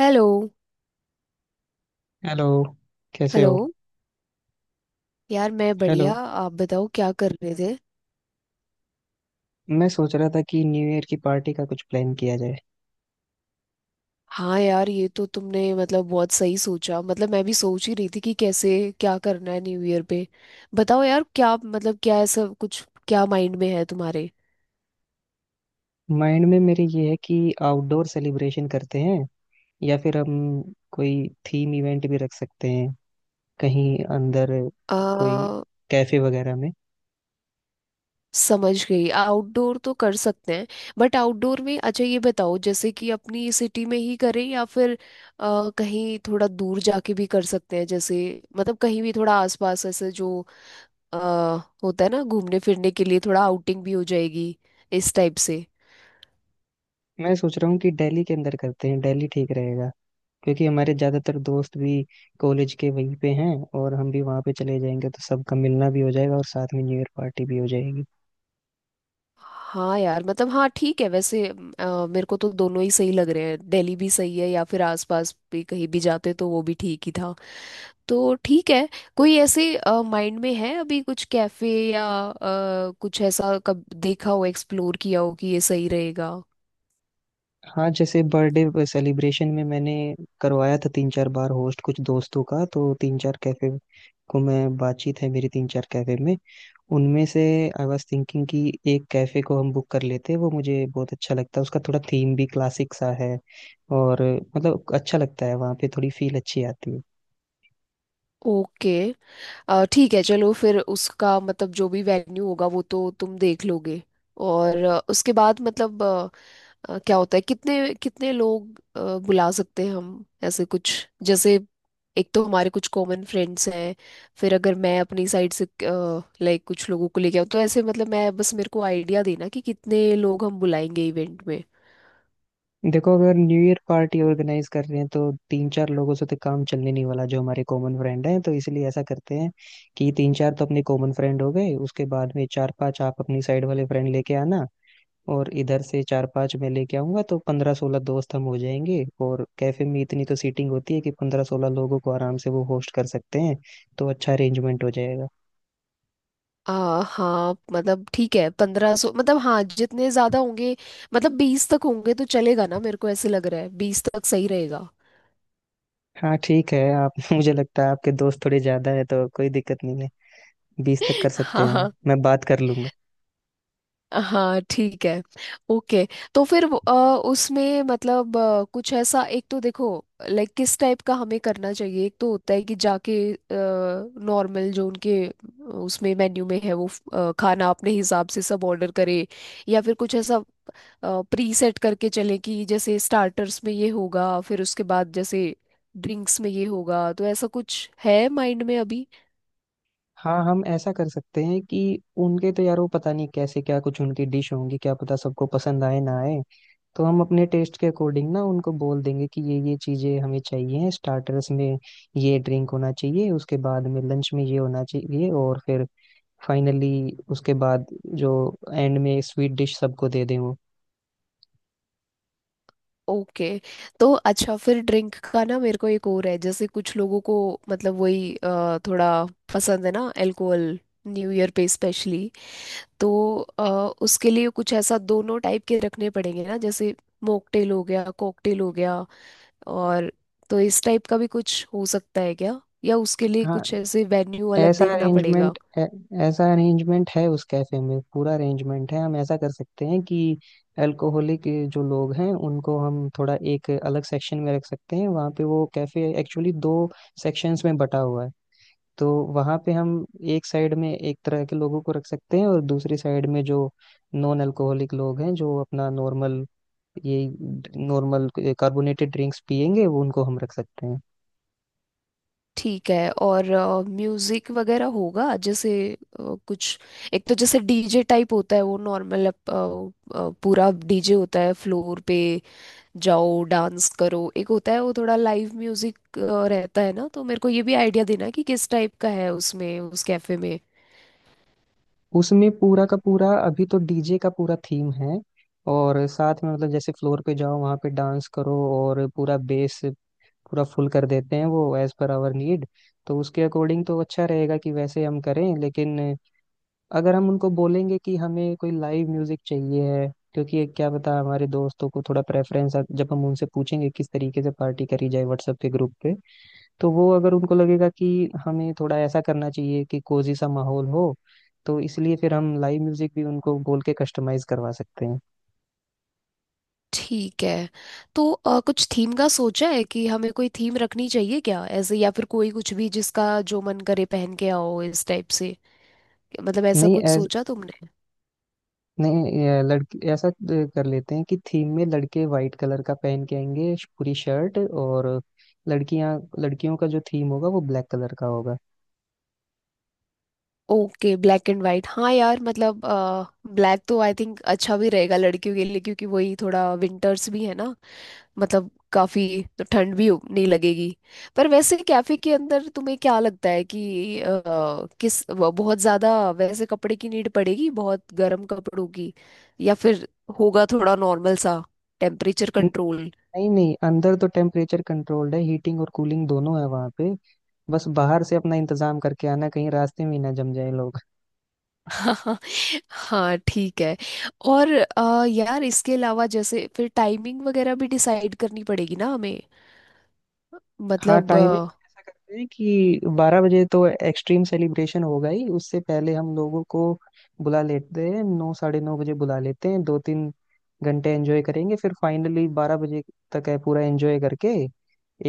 Hello. Hello. कैसे hello. हो? यार मैं हेलो, बढ़िया, आप बताओ क्या कर रहे थे? मैं सोच रहा था कि न्यू ईयर की पार्टी का कुछ प्लान किया जाए। हाँ यार, ये तो तुमने मतलब बहुत सही सोचा। मतलब मैं भी सोच ही रही थी कि कैसे क्या करना है न्यू ईयर पे। बताओ यार, क्या मतलब क्या ऐसा कुछ क्या माइंड में है तुम्हारे? माइंड में मेरे ये है कि आउटडोर सेलिब्रेशन करते हैं, या फिर हम कोई थीम इवेंट भी रख सकते हैं कहीं अंदर, कोई आ, कैफे वगैरह में। समझ गई। आउटडोर तो कर सकते हैं, बट आउटडोर में अच्छा ये बताओ जैसे कि अपनी सिटी में ही करें या फिर कहीं थोड़ा दूर जाके भी कर सकते हैं। जैसे मतलब कहीं भी थोड़ा आसपास ऐसे जो अ, होता है ना, घूमने फिरने के लिए थोड़ा आउटिंग भी हो जाएगी इस टाइप से। मैं सोच रहा हूँ कि दिल्ली के अंदर करते हैं, दिल्ली ठीक रहेगा क्योंकि हमारे ज़्यादातर दोस्त भी कॉलेज के वहीं पे हैं और हम भी वहाँ पे चले जाएंगे, तो सबका मिलना भी हो जाएगा और साथ में न्यू ईयर पार्टी भी हो जाएगी। हाँ यार, मतलब हाँ ठीक है। वैसे मेरे को तो दोनों ही सही लग रहे हैं। दिल्ली भी सही है या फिर आसपास भी कहीं भी जाते तो वो भी ठीक ही था। तो ठीक है। कोई ऐसे माइंड में है अभी कुछ कैफे या कुछ ऐसा कब देखा हो, एक्सप्लोर किया हो कि ये सही रहेगा? हाँ, जैसे बर्थडे सेलिब्रेशन में मैंने करवाया था तीन चार बार, होस्ट कुछ दोस्तों का, तो तीन चार कैफे को मैं, बातचीत है मेरी तीन चार कैफे में। उनमें से आई वाज थिंकिंग कि एक कैफे को हम बुक कर लेते। वो मुझे बहुत अच्छा लगता है, उसका थोड़ा थीम भी क्लासिक सा है और मतलब अच्छा लगता है, वहाँ पे थोड़ी फील अच्छी आती है। ओके। ठीक है, चलो फिर उसका मतलब जो भी वेन्यू होगा वो तो तुम देख लोगे। और उसके बाद मतलब क्या होता है, कितने कितने लोग बुला सकते हैं हम ऐसे कुछ, जैसे एक तो हमारे कुछ कॉमन फ्रेंड्स हैं, फिर अगर मैं अपनी साइड से लाइक कुछ लोगों को लेके आऊँ तो ऐसे, मतलब मैं बस मेरे को आइडिया देना कि कितने लोग हम बुलाएंगे इवेंट में। देखो, अगर न्यू ईयर पार्टी ऑर्गेनाइज कर रहे हैं तो तीन चार लोगों से तो काम चलने नहीं वाला जो हमारे कॉमन फ्रेंड हैं, तो इसलिए ऐसा करते हैं कि तीन चार तो अपने कॉमन फ्रेंड हो गए, उसके बाद में चार पांच आप अपनी साइड वाले फ्रेंड लेके आना और इधर से चार पांच मैं लेके आऊंगा, तो 15 16 दोस्त हम हो जाएंगे और कैफे में इतनी तो सीटिंग होती है कि 15 16 लोगों को आराम से वो होस्ट कर सकते हैं, तो अच्छा अरेंजमेंट हो जाएगा। हाँ मतलब ठीक है, 1500 मतलब हाँ जितने ज्यादा होंगे। मतलब 20 तक होंगे तो चलेगा ना, मेरे को ऐसे लग रहा है 20 तक सही रहेगा। हाँ ठीक है आप मुझे लगता है आपके दोस्त थोड़े ज्यादा है तो कोई दिक्कत नहीं है, 20 तक कर सकते हैं हम, हाँ। मैं बात कर लूंगा। हाँ ठीक है। ओके। तो फिर उसमें मतलब कुछ ऐसा एक तो देखो लाइक किस टाइप का हमें करना चाहिए। एक तो होता है कि जाके नॉर्मल जो उनके उसमें मेन्यू में है वो खाना अपने हिसाब से सब ऑर्डर करे, या फिर कुछ ऐसा प्री सेट करके चले कि जैसे स्टार्टर्स में ये होगा, फिर उसके बाद जैसे ड्रिंक्स में ये होगा। तो ऐसा कुछ है माइंड में अभी? हाँ, हम ऐसा कर सकते हैं कि उनके तो, यार वो पता नहीं कैसे क्या कुछ उनकी डिश होंगी, क्या पता सबको पसंद आए ना आए, तो हम अपने टेस्ट के अकॉर्डिंग ना उनको बोल देंगे कि ये चीजें हमें चाहिए स्टार्टर्स में, ये ड्रिंक होना चाहिए, उसके बाद में लंच में ये होना चाहिए और फिर फाइनली उसके बाद जो एंड में स्वीट डिश सबको दे दें वो। ओके। तो अच्छा, फिर ड्रिंक का ना मेरे को एक और है, जैसे कुछ लोगों को मतलब वही थोड़ा पसंद है ना अल्कोहल न्यू ईयर पे, स्पेशली। तो उसके लिए कुछ ऐसा दोनों टाइप के रखने पड़ेंगे ना, जैसे मॉकटेल हो गया, कॉकटेल हो गया। और तो इस टाइप का भी कुछ हो सकता है क्या, या उसके लिए हाँ, कुछ ऐसे वेन्यू अलग ऐसा देखना पड़ेगा? अरेंजमेंट ऐसा अरेंजमेंट है उस कैफे में, पूरा अरेंजमेंट है। हम ऐसा कर सकते हैं कि अल्कोहलिक जो लोग हैं उनको हम थोड़ा एक अलग सेक्शन में रख सकते हैं, वहाँ पे वो कैफे एक्चुअली दो सेक्शंस में बटा हुआ है। तो वहाँ पे हम एक साइड में एक तरह के लोगों को रख सकते हैं और दूसरी साइड में जो नॉन अल्कोहलिक लोग हैं जो अपना ये नॉर्मल कार्बोनेटेड ड्रिंक्स पियेंगे, वो उनको हम रख सकते हैं। ठीक है। और म्यूजिक वगैरह होगा जैसे कुछ? एक तो जैसे डीजे टाइप होता है, वो नॉर्मल पूरा डीजे होता है, फ्लोर पे जाओ डांस करो। एक होता है वो थोड़ा लाइव म्यूजिक रहता है ना। तो मेरे को ये भी आइडिया देना कि किस टाइप का है उसमें, उस कैफे में। उसमें पूरा का पूरा अभी तो डीजे का पूरा थीम है, और साथ में मतलब जैसे फ्लोर पे जाओ वहाँ पे डांस करो और पूरा फुल कर देते हैं वो, एज पर आवर नीड। तो उसके अकॉर्डिंग तो अच्छा रहेगा कि वैसे हम करें, लेकिन अगर हम उनको बोलेंगे कि हमें कोई लाइव म्यूजिक चाहिए है, क्योंकि ये क्या पता हमारे दोस्तों को थोड़ा प्रेफरेंस, जब हम उनसे पूछेंगे किस तरीके से पार्टी करी जाए व्हाट्सएप के ग्रुप पे, तो वो अगर उनको लगेगा कि हमें थोड़ा ऐसा करना चाहिए कि कोजी सा माहौल हो, तो इसलिए फिर हम लाइव म्यूजिक भी उनको बोल के कस्टमाइज करवा सकते हैं। ठीक है। तो कुछ थीम का सोचा है कि हमें कोई थीम रखनी चाहिए क्या ऐसे, या फिर कोई कुछ भी जिसका जो मन करे पहन के आओ इस टाइप से? मतलब ऐसा नहीं कुछ ऐस, सोचा तुमने? नहीं, ये लड़के ऐसा कर लेते हैं कि थीम में लड़के वाइट कलर का पहन के आएंगे, पूरी शर्ट, और लड़कियां, लड़कियों का जो थीम होगा वो ब्लैक कलर का होगा। Okay, black and white. हाँ यार, मतलब ब्लैक तो आई थिंक अच्छा भी रहेगा लड़कियों के लिए क्योंकि वही थोड़ा विंटर्स भी है ना। मतलब काफी, तो ठंड भी नहीं लगेगी। पर वैसे कैफे के अंदर तुम्हें क्या लगता है कि किस वो बहुत ज्यादा वैसे कपड़े की नीड पड़ेगी, बहुत गर्म कपड़ों की, या फिर होगा थोड़ा नॉर्मल सा टेम्परेचर न- कंट्रोल? नहीं नहीं, अंदर तो टेम्परेचर कंट्रोल्ड है, हीटिंग और कूलिंग दोनों है वहाँ पे, बस बाहर से अपना इंतजाम करके आना, कहीं रास्ते में ही ना जम जाए लोग। हाँ। हाँ ठीक है। और यार, इसके अलावा जैसे फिर टाइमिंग वगैरह भी डिसाइड करनी पड़ेगी ना हमें, हाँ, मतलब टाइमिंग ऐसा करते हैं कि 12 बजे तो एक्सट्रीम सेलिब्रेशन होगा ही, उससे पहले हम लोगों को बुला लेते हैं, 9 साढ़े 9 बजे बुला लेते हैं, 2 3 घंटे एंजॉय करेंगे, फिर फाइनली 12 बजे तक है पूरा एंजॉय करके,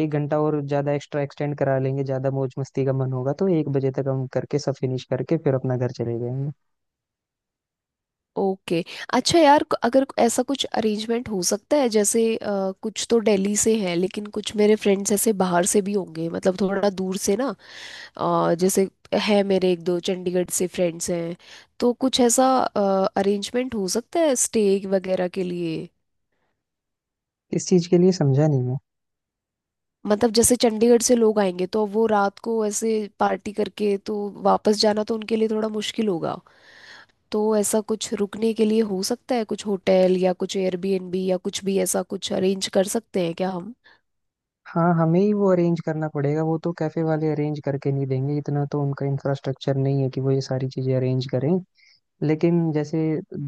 1 घंटा और ज्यादा एक्स्ट्रा एक्सटेंड करा लेंगे, ज्यादा मौज मस्ती का मन होगा तो 1 बजे तक हम करके सब फिनिश करके फिर अपना घर चले जाएंगे। ओके। अच्छा यार, अगर ऐसा कुछ अरेंजमेंट हो सकता है, जैसे कुछ तो दिल्ली से हैं, लेकिन कुछ मेरे फ्रेंड्स ऐसे बाहर से भी होंगे, मतलब थोड़ा दूर से ना। जैसे है मेरे 1-2 चंडीगढ़ से फ्रेंड्स हैं, तो कुछ ऐसा अरेंजमेंट हो सकता है स्टे वगैरह के लिए? इस चीज के लिए समझा नहीं मैं। मतलब जैसे चंडीगढ़ से लोग आएंगे तो वो रात को ऐसे पार्टी करके तो वापस जाना तो उनके लिए थोड़ा मुश्किल होगा। तो ऐसा कुछ रुकने के लिए हो सकता है कुछ होटल या कुछ एयरबीएनबी या कुछ भी ऐसा कुछ अरेंज कर सकते हैं क्या हम? हाँ, हमें ही वो अरेंज करना पड़ेगा, वो तो कैफे वाले अरेंज करके नहीं देंगे, इतना तो उनका इंफ्रास्ट्रक्चर नहीं है कि वो ये सारी चीजें अरेंज करें। लेकिन जैसे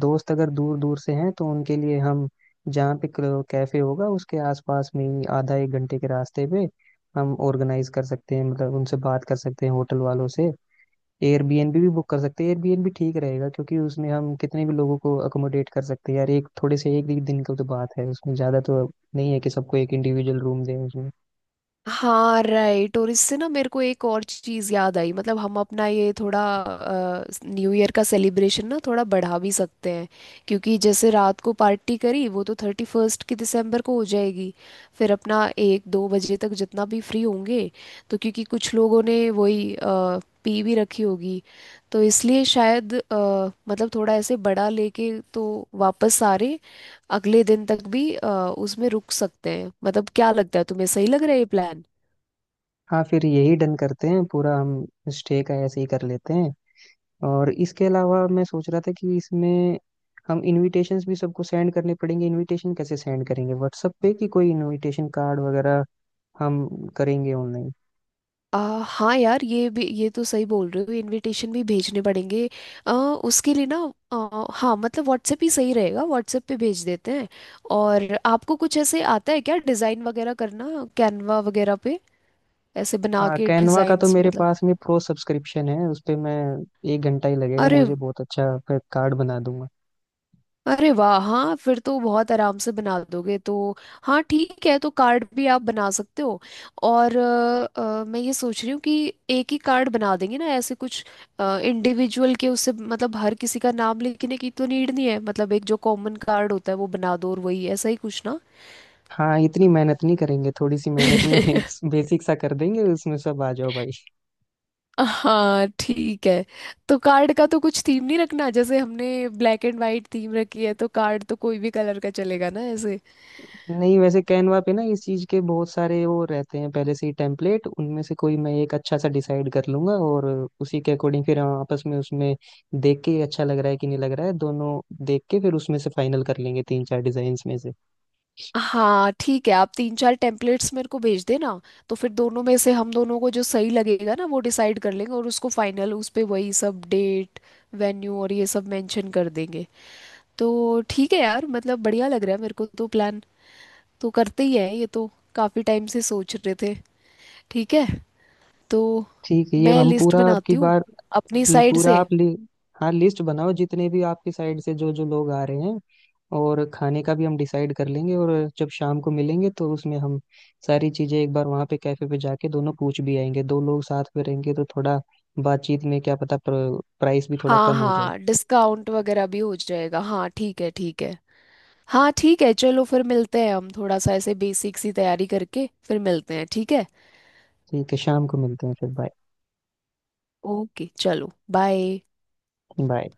दोस्त अगर दूर दूर से हैं तो उनके लिए हम, जहाँ पे कैफे होगा उसके आसपास में ही आधा 1 घंटे के रास्ते पे हम ऑर्गेनाइज कर सकते हैं, मतलब उनसे बात कर सकते हैं होटल वालों से, एयरबीएनबी भी बुक कर सकते हैं। एयरबीएनबी ठीक रहेगा क्योंकि उसमें हम कितने भी लोगों को अकोमोडेट कर सकते हैं, यार एक थोड़े से एक ही दिन का तो बात है, उसमें ज़्यादा तो नहीं है कि सबको एक इंडिविजुअल रूम दें उसमें। हाँ राइट, और इससे ना मेरे को एक और चीज़ याद आई, मतलब हम अपना ये थोड़ा न्यू ईयर का सेलिब्रेशन ना थोड़ा बढ़ा भी सकते हैं क्योंकि जैसे रात को पार्टी करी वो तो 31st की दिसंबर को हो जाएगी। फिर अपना 1-2 बजे तक जितना भी फ्री होंगे तो, क्योंकि कुछ लोगों ने वही पी भी रखी होगी, तो इसलिए शायद मतलब थोड़ा ऐसे बड़ा लेके तो वापस सारे अगले दिन तक भी उसमें रुक सकते हैं। मतलब क्या लगता है तुम्हें, सही लग रहा है ये प्लान? हाँ, फिर यही डन करते हैं पूरा हम, स्टे का ऐसे ही कर लेते हैं। और इसके अलावा मैं सोच रहा था कि इसमें हम इनविटेशंस भी सबको सेंड करने पड़ेंगे, इनविटेशन कैसे सेंड करेंगे, व्हाट्सएप पे कि कोई इनविटेशन कार्ड वगैरह हम करेंगे ऑनलाइन। आ, हाँ यार, ये भी ये तो सही बोल रहे हो, इनविटेशन भी भेजने पड़ेंगे। उसके लिए ना हाँ मतलब व्हाट्सएप ही सही रहेगा। व्हाट्सएप पे भेज देते हैं। और आपको कुछ ऐसे आता है क्या डिज़ाइन वगैरह करना, कैनवा वगैरह पे ऐसे बना हाँ, के कैनवा का तो डिज़ाइंस मेरे मतलब? पास में प्रो सब्सक्रिप्शन है, उस पे मैं, 1 घंटा ही लगेगा अरे, मुझे, बहुत अच्छा कार्ड बना दूंगा। अरे वाह! हाँ फिर तो बहुत आराम से बना दोगे तो। हाँ ठीक है, तो कार्ड भी आप बना सकते हो। और मैं ये सोच रही हूँ कि एक ही कार्ड बना देंगे ना ऐसे, कुछ इंडिविजुअल के उससे मतलब हर किसी का नाम लिखने की तो नीड नहीं है। मतलब एक जो कॉमन कार्ड होता है वो बना दो, और वही ऐसा ही कुछ ना। हाँ, इतनी मेहनत नहीं करेंगे, थोड़ी सी मेहनत में एक बेसिक सा कर देंगे, उसमें सब आ जाओ भाई। हाँ ठीक है। तो कार्ड का तो कुछ थीम नहीं रखना, जैसे हमने ब्लैक एंड वाइट थीम रखी है तो कार्ड तो कोई भी कलर का चलेगा ना ऐसे? नहीं, वैसे कैनवा पे ना इस चीज के बहुत सारे वो रहते हैं पहले से ही टेम्पलेट, उनमें से कोई मैं एक अच्छा सा डिसाइड कर लूंगा और उसी के अकॉर्डिंग फिर हम आपस में उसमें देख के अच्छा लग रहा है कि नहीं लग रहा है, दोनों देख के फिर उसमें से फाइनल कर लेंगे तीन चार डिजाइन में से। हाँ ठीक है। आप 3-4 टेम्पलेट्स मेरे को भेज देना, तो फिर दोनों में से हम दोनों को जो सही लगेगा ना वो डिसाइड कर लेंगे, और उसको फाइनल उस पे वही सब डेट, वेन्यू और ये सब मेंशन कर देंगे। तो ठीक है यार, मतलब बढ़िया लग रहा है मेरे को तो प्लान। तो करते ही है, ये तो काफ़ी टाइम से सोच रहे थे। ठीक है। तो ठीक है, ये मैं हम लिस्ट पूरा आपकी बनाती हूँ बार अपनी ल- साइड पूरा से। आप लि, हाँ, लिस्ट बनाओ जितने भी आपके साइड से जो जो लोग आ रहे हैं, और खाने का भी हम डिसाइड कर लेंगे और जब शाम को मिलेंगे तो उसमें हम सारी चीजें एक बार वहाँ पे कैफे पे जाके दोनों पूछ भी आएंगे, दो लोग साथ में रहेंगे तो थोड़ा बातचीत में क्या पता प्राइस भी थोड़ा हाँ कम हो जाए। हाँ, डिस्काउंट वगैरह भी हो जाएगा। हाँ ठीक है, ठीक है। हाँ ठीक है, चलो फिर मिलते हैं। हम थोड़ा सा ऐसे बेसिक सी तैयारी करके फिर मिलते हैं, ठीक है? ठीक है, शाम को मिलते हैं फिर, बाय। ओके, चलो बाय। बाय।